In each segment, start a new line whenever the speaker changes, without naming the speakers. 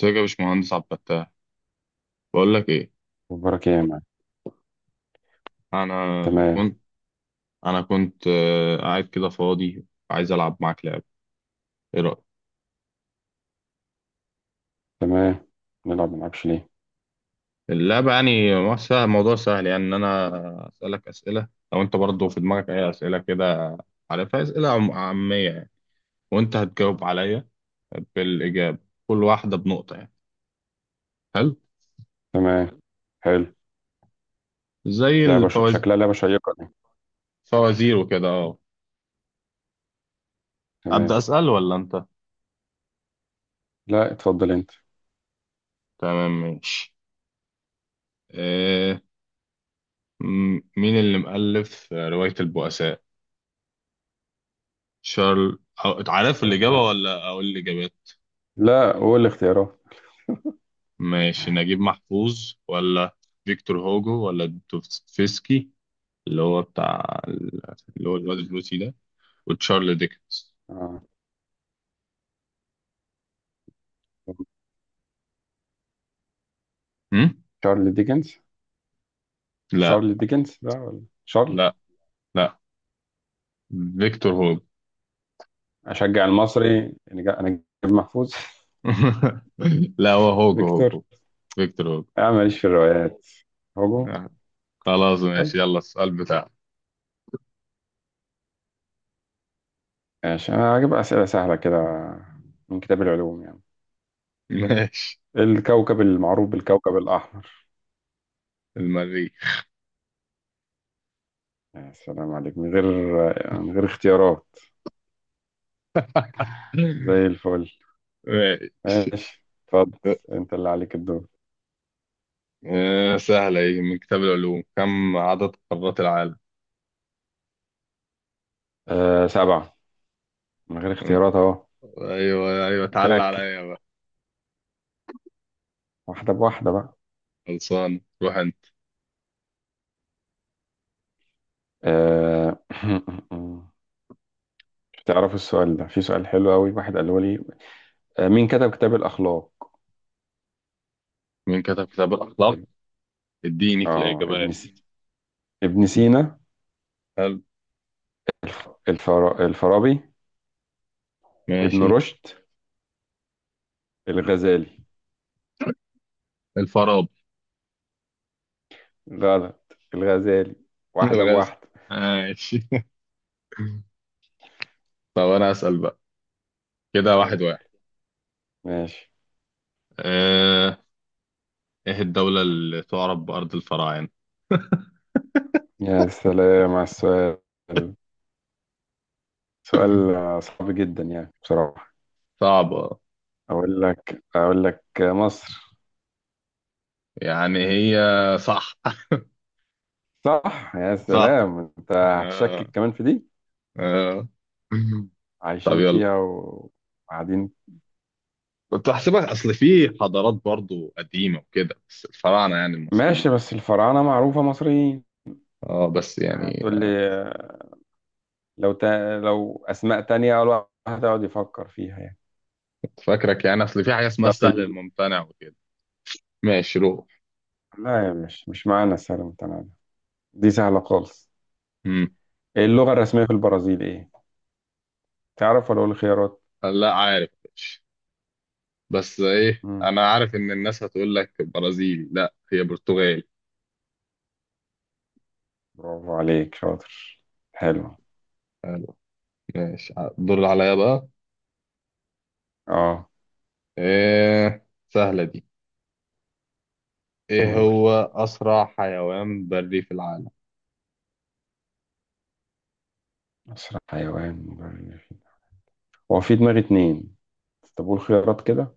ازيك يا باشمهندس عبد الفتاح؟ بقول لك ايه.
مبارك يا مان.
انا
تمام.
كنت انا كنت قاعد كده فاضي، عايز العب معاك لعبه. ايه رايك؟
تمام نلعب ما نلعبش ليه؟
اللعبه يعني موضوع سهل، يعني ان انا اسالك اسئله، لو انت برضه في دماغك اي اسئله كده عارفها، اسئله عاميه يعني، وانت هتجاوب عليا بالاجابه، كل واحده بنقطه يعني. حلو،
تمام، حلو.
زي
لعبة
الفوازير،
شكلها لعبة شيقة دي.
فوازير وكده، اه. ابدا
تمام.
اسال ولا انت؟
لا، اتفضل انت.
تمام ماشي. آه، مين اللي مؤلف روايه البؤساء؟ شارل... عارف
بس-
الإجابة ولا أقول الإجابات؟
لا، قول الاختيارات.
ماشي، نجيب محفوظ، ولا فيكتور هوجو، ولا دوستويفسكي اللي هو بتاع اللي هو الواد الروسي ده، وتشارل ديكنز.
آه.
هم؟
شارل ديكنز.
لا،
شارل ديكنز بقى ولا شارل؟
لا، لا، فيكتور هوجو.
اشجع المصري، أنا نجيب محفوظ.
لا، هو هوجو
فيكتور.
هوجو فيكتور هوجو.
انا ماليش في الروايات. هوجو.
آه، خلاص
طيب،
ماشي، يلا السؤال بتاعك.
ماشي، انا هجيب اسئلة سهلة كده، من كتاب العلوم يعني.
ماشي.
الكوكب المعروف بالكوكب الأحمر.
المريخ.
يا سلام عليك، من غير من غير اختيارات. زي الفل.
ماشي.
ماشي، اتفضل، انت اللي عليك الدور.
سهلة ايه من كتاب العلوم: كم عدد قارات العالم؟
آه، سبعة. من غير اختيارات اهو.
ايوه ايوه، تعال
متأكد،
عليا بقى.
واحدة بواحدة بقى.
خلصان، روح انت.
آه. تعرفوا السؤال ده، في سؤال حلو قوي واحد قاله لي. آه، مين كتب كتاب الأخلاق؟
مين كتب كتاب الاخلاق؟
اب-
اديني في
اه،
الاجابات.
ابن سينا.
حلو.
الفارابي. ابن
ماشي.
رشد. الغزالي.
الفارابي.
غلط الغزالي. واحدة
الغزل.
بواحدة.
ماشي. طب انا اسال بقى، كده واحد
أوه.
واحد.
ماشي.
آه، ايه الدولة اللي تعرف بأرض الفراعنة؟
يا سلام على السؤال، سؤال صعب جدا يعني بصراحة.
صعبة.
اقول لك مصر.
يعني هي، صح.
صح، يا
صح.
سلام، انت
آه.
هتشكك كمان في دي.
آه. طب
عايشين
يلا.
فيها وقاعدين.
كنت هحسبها، اصل في حضارات برضو قديمة وكده، بس الفراعنة يعني
ماشي،
المصريين.
بس الفراعنة معروفة مصريين.
اه بس يعني،
هتقول لي لو اسماء تانية الواحد هتقعد يفكر فيها يعني.
فاكرك يعني اصل في حاجه اسمها
طب
السهل
ال...
الممتنع وكده. ماشي روح.
لا يا، مش معانا السهل المتناهي ده. دي سهلة خالص.
امم.
اللغة الرسمية في البرازيل ايه؟ تعرف ولا اقول خيارات؟
لا عارف، ماشي. بس ايه،
مم.
انا عارف ان الناس هتقول لك برازيلي، لا هي برتغالي.
برافو عليك، شاطر، حلو.
حلو. ماشي. الدور اللي عليا بقى.
اه،
ايه سهله دي. ايه
قول.
هو اسرع حيوان بري في العالم؟
اسرع حيوان مبرر. هو في دماغي اتنين، طب قول خيارات كده.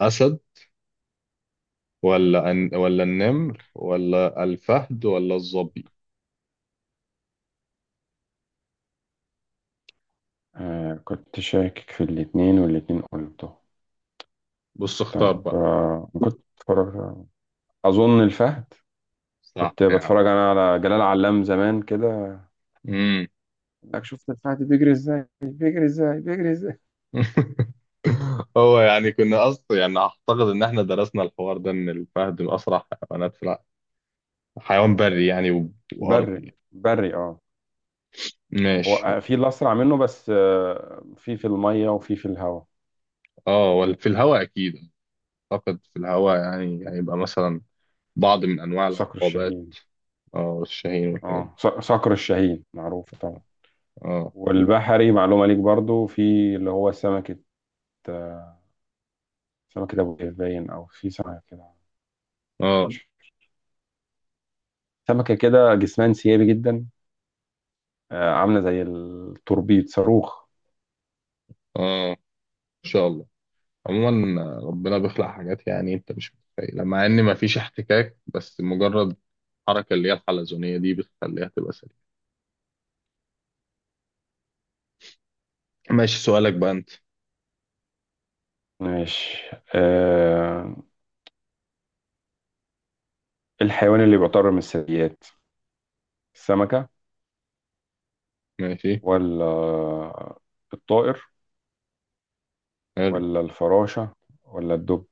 اسد، ولا النمر، ولا الفهد، ولا الظبي؟
آه، كنت شاكك في الاتنين، والاتنين قلته.
بص
طب،
اختار بقى.
آه، كنت بتفرج، أظن الفهد.
صح
كنت
يا
بتفرج أنا على جلال علام زمان كده.
عم.
لك شفت الفهد بيجري ازاي، بيجري ازاي، بيجري ازاي.
هو يعني كنا اصلا يعني اعتقد ان احنا درسنا الحوار ده، ان الفهد من اسرع حيوانات في حيوان بري يعني،
بري،
وارضي.
بري اه. هو
ماشي.
آه، في اللي أسرع منه، بس آه، في المية، وفي الهواء.
اه، ولا في الهواء اكيد. اعتقد في الهواء، يعني هيبقى مثلا بعض من انواع
صقر
العقابات.
الشاهين.
اه، الشاهين والحاجات دي.
اه، صقر الشاهين معروف طبعا.
اه،
والبحري معلومة ليك برضو، في اللي هو سمكة، آه، سمكة أبو قير باين، أو في سمكة كده،
اه،
سمكة كده جسمها انسيابي جدا، آه، عاملة زي التوربيد، صاروخ.
اه، ان شاء الله. عموما ربنا بيخلق حاجات يعني انت مش متخيلها، مع ان مفيش احتكاك، بس مجرد الحركه اللي هي الحلزونيه دي بتخليها تبقى سليمه. ماشي، سؤالك بقى انت.
ماشي. آه، الحيوان اللي بيعتبر من الثدييات، السمكة
ماشي.
ولا الطائر ولا الفراشة ولا الدب؟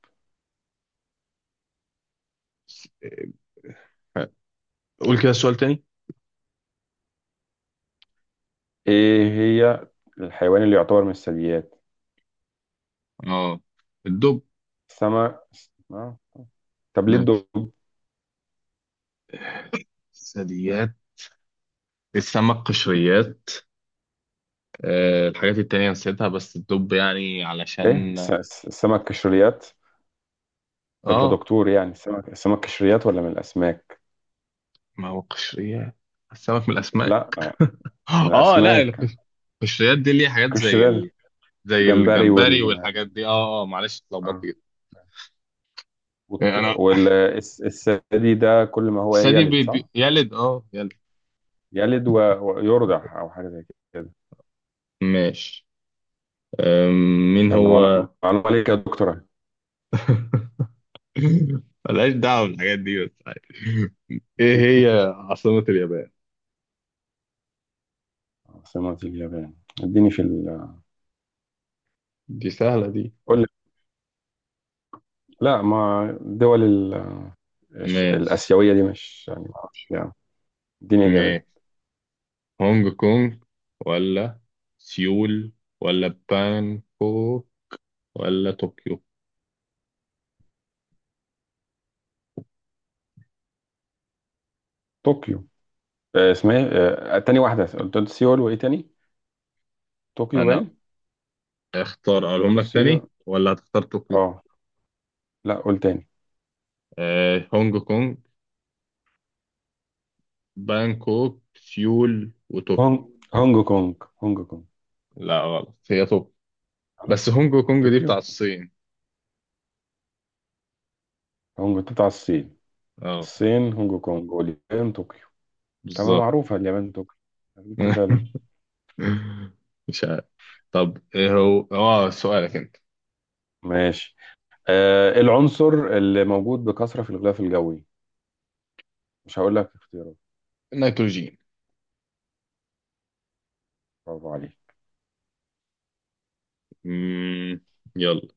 قول كده السؤال تاني.
إيه هي؟ الحيوان اللي يعتبر من الثدييات.
اه، الدب.
السمك. آه. طب ليه
ماشي.
الدب؟
الثدييات. السمك قشريات، آه الحاجات التانية نسيتها، بس الدب يعني
إيه
علشان.
السمك كشريات؟ ده أنت
اه،
دكتور يعني، السمك، السمك كشريات ولا من الأسماك؟
ما هو قشريات. السمك من الأسماك.
لا، من
اه لا،
الأسماك.
القشريات دي ليها حاجات
قشرين.
زي
الجمبري
الجمبري
وال،
والحاجات دي. اه اه، معلش اتلخبطت
آه.
كده. انا
الثدي ده كل ما هو
الثدي
يلد، صح؟
يلد، اه يلد.
يلد ويرضع أو حاجة زي كده.
ماشي. مين
يلا،
هو.
معلومة عليك يا دكتورة.
ملهاش دعوة بالحاجات دي بس عادي. ايه هي عاصمة اليابان؟
عاصمة اليابان، اديني في ال،
دي سهلة دي.
قول لي، لا، ما الدول
ماشي.
الآسيوية دي، مش يعني، ما أعرفش يعني. اديني
ماشي.
إجابات.
هونج كونج، ولا سيول، ولا بانكوك، ولا طوكيو؟
طوكيو. آه، اسمها إيه؟ آه، تاني واحدة، قلت سيول وإيه تاني؟ طوكيو
انا
باين؟
اختار اقولهم
قلت
لك تاني،
سيول،
ولا هتختار طوكيو؟
أه. لا، قول تاني.
آه، هونج كونج، بانكوك، سيول،
هونج،
وطوكيو.
هونج كونج. هونج كونج.
لا غلط، هي طوكيو.
خلاص،
بس هونج كونج دي
طوكيو.
بتاع الصين.
هونج بتاع الصين.
اه
الصين هونج كونج، واليابان طوكيو. تمام،
بالظبط.
معروفة اليابان طوكيو، جبت فيها ليه؟
مش عارف. طب ايه هو اه سؤالك انت؟
ماشي. آه، العنصر اللي موجود بكثرة في الغلاف الجوي؟ مش هقول لك اختيارات.
النيتروجين.
برافو عليك.
مم. يلا.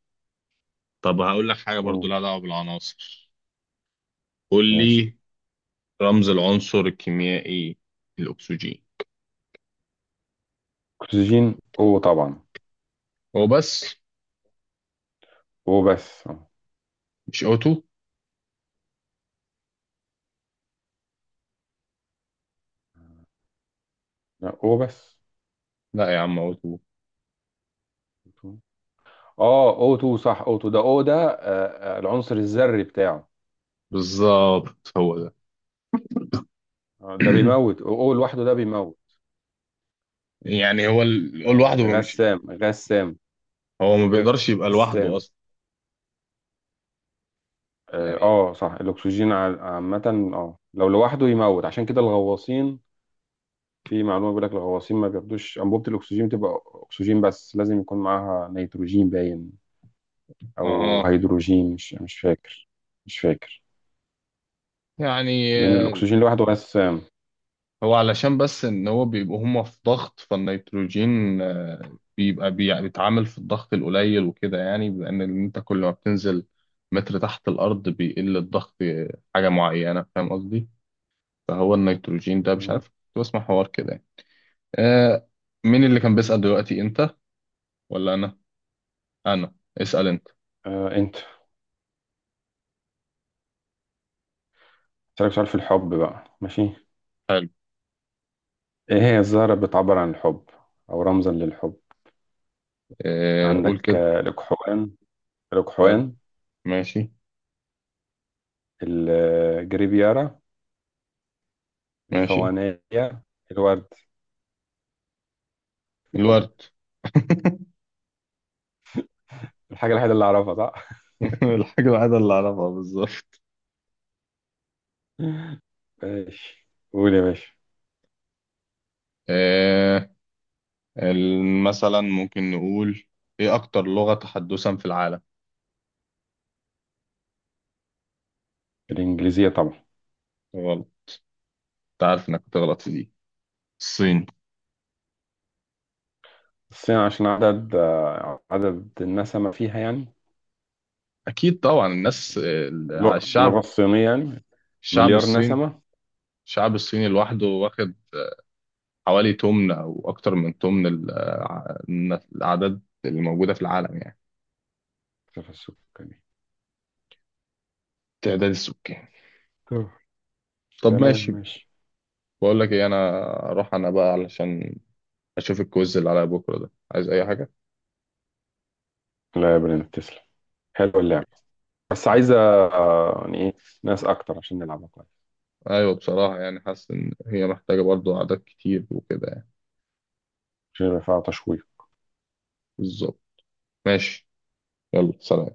طب هقول لك حاجة برضو
قول.
لها دعوة بالعناصر. قول
ماشي.
لي. رمز العنصر الكيميائي الأكسجين.
اكسجين، او طبعا.
هو بس
او بس اه.
مش O2؟
لا، او بس.
لا يا عم O2.
اه، او 2، صح، او 2 ده، او ده، آه، العنصر الذري بتاعه.
بالظبط هو ده.
آه، ده بيموت، أو لوحده ده بيموت.
يعني هو هو
آه،
لوحده مش،
غسام، غسام
هو ما بيقدرش يبقى لوحده
غسام
أصلا
اه،
يعني.
آه، صح، الاكسجين ع- عامة، اه، لو لوحده يموت، عشان كده الغواصين، في معلومة بيقول لك الغواصين ما بياخدوش أنبوبة الأكسجين، بتبقى أكسجين بس لازم يكون معاها نيتروجين باين، أو
اه
هيدروجين، مش فاكر. مش فاكر.
يعني،
لأن الأكسجين لوحده غسام.
هو علشان بس ان هو بيبقوا هما في ضغط، فالنيتروجين بيبقى بيتعامل في الضغط القليل وكده يعني، لان انت كل ما بتنزل متر تحت الارض بيقل الضغط حاجه معينه، فاهم قصدي؟ فهو النيتروجين ده مش عارف،
مم.
كنت بسمع حوار كده يعني. آه، مين اللي كان بيسأل دلوقتي، انت ولا انا؟ انا اسأل انت.
آه، أنت. أسألك سؤال في الحب بقى، ماشي؟
حلو.
إيه هي الزهرة اللي بتعبر عن الحب أو رمزا للحب؟
آه قول
عندك
كده.
آه، الأكحوان،
ماشي.
الجريبيارا،
ماشي.
الفوانيليا، الورد.
الورد.
الحاجة الوحيدة اللي أعرفها، صح؟
الحاجه الوحيده اللي اعرفها بالظبط.
ماشي. قول يا باشا.
آه، مثلا ممكن نقول: ايه اكتر لغة تحدثا في العالم؟
الإنجليزية طبعا.
غلط. انت عارف انك هتغلط في دي. الصين.
الصين عشان عدد، آه، عدد النسمة فيها يعني.
اكيد طبعا، الناس على
اللغة
الشعب،
الصينية يعني.
الشعب
مليار
الصيني.
نسمة.
الشعب الصيني لوحده واخد حوالي تمن او اكتر من تمن الاعداد اللي موجودة في العالم يعني.
في السكاني.
التعداد السكاني.
طب.
طب
تمام،
ماشي.
ماشي.
بقول لك ايه انا، اروح انا بقى علشان اشوف الكويز اللي عليا بكرة، ده عايز اي حاجة.
لا يا برنس، تسلم، حلوة اللعبة، بس عايزة آه، يعني إيه، ناس أكتر عشان نلعبها كويس،
ايوه بصراحة، يعني حاسس ان هي محتاجة برضو اعداد كتير وكده يعني.
عشان يبقى فيها تشويق.
بالظبط. ماشي، يلا سلام.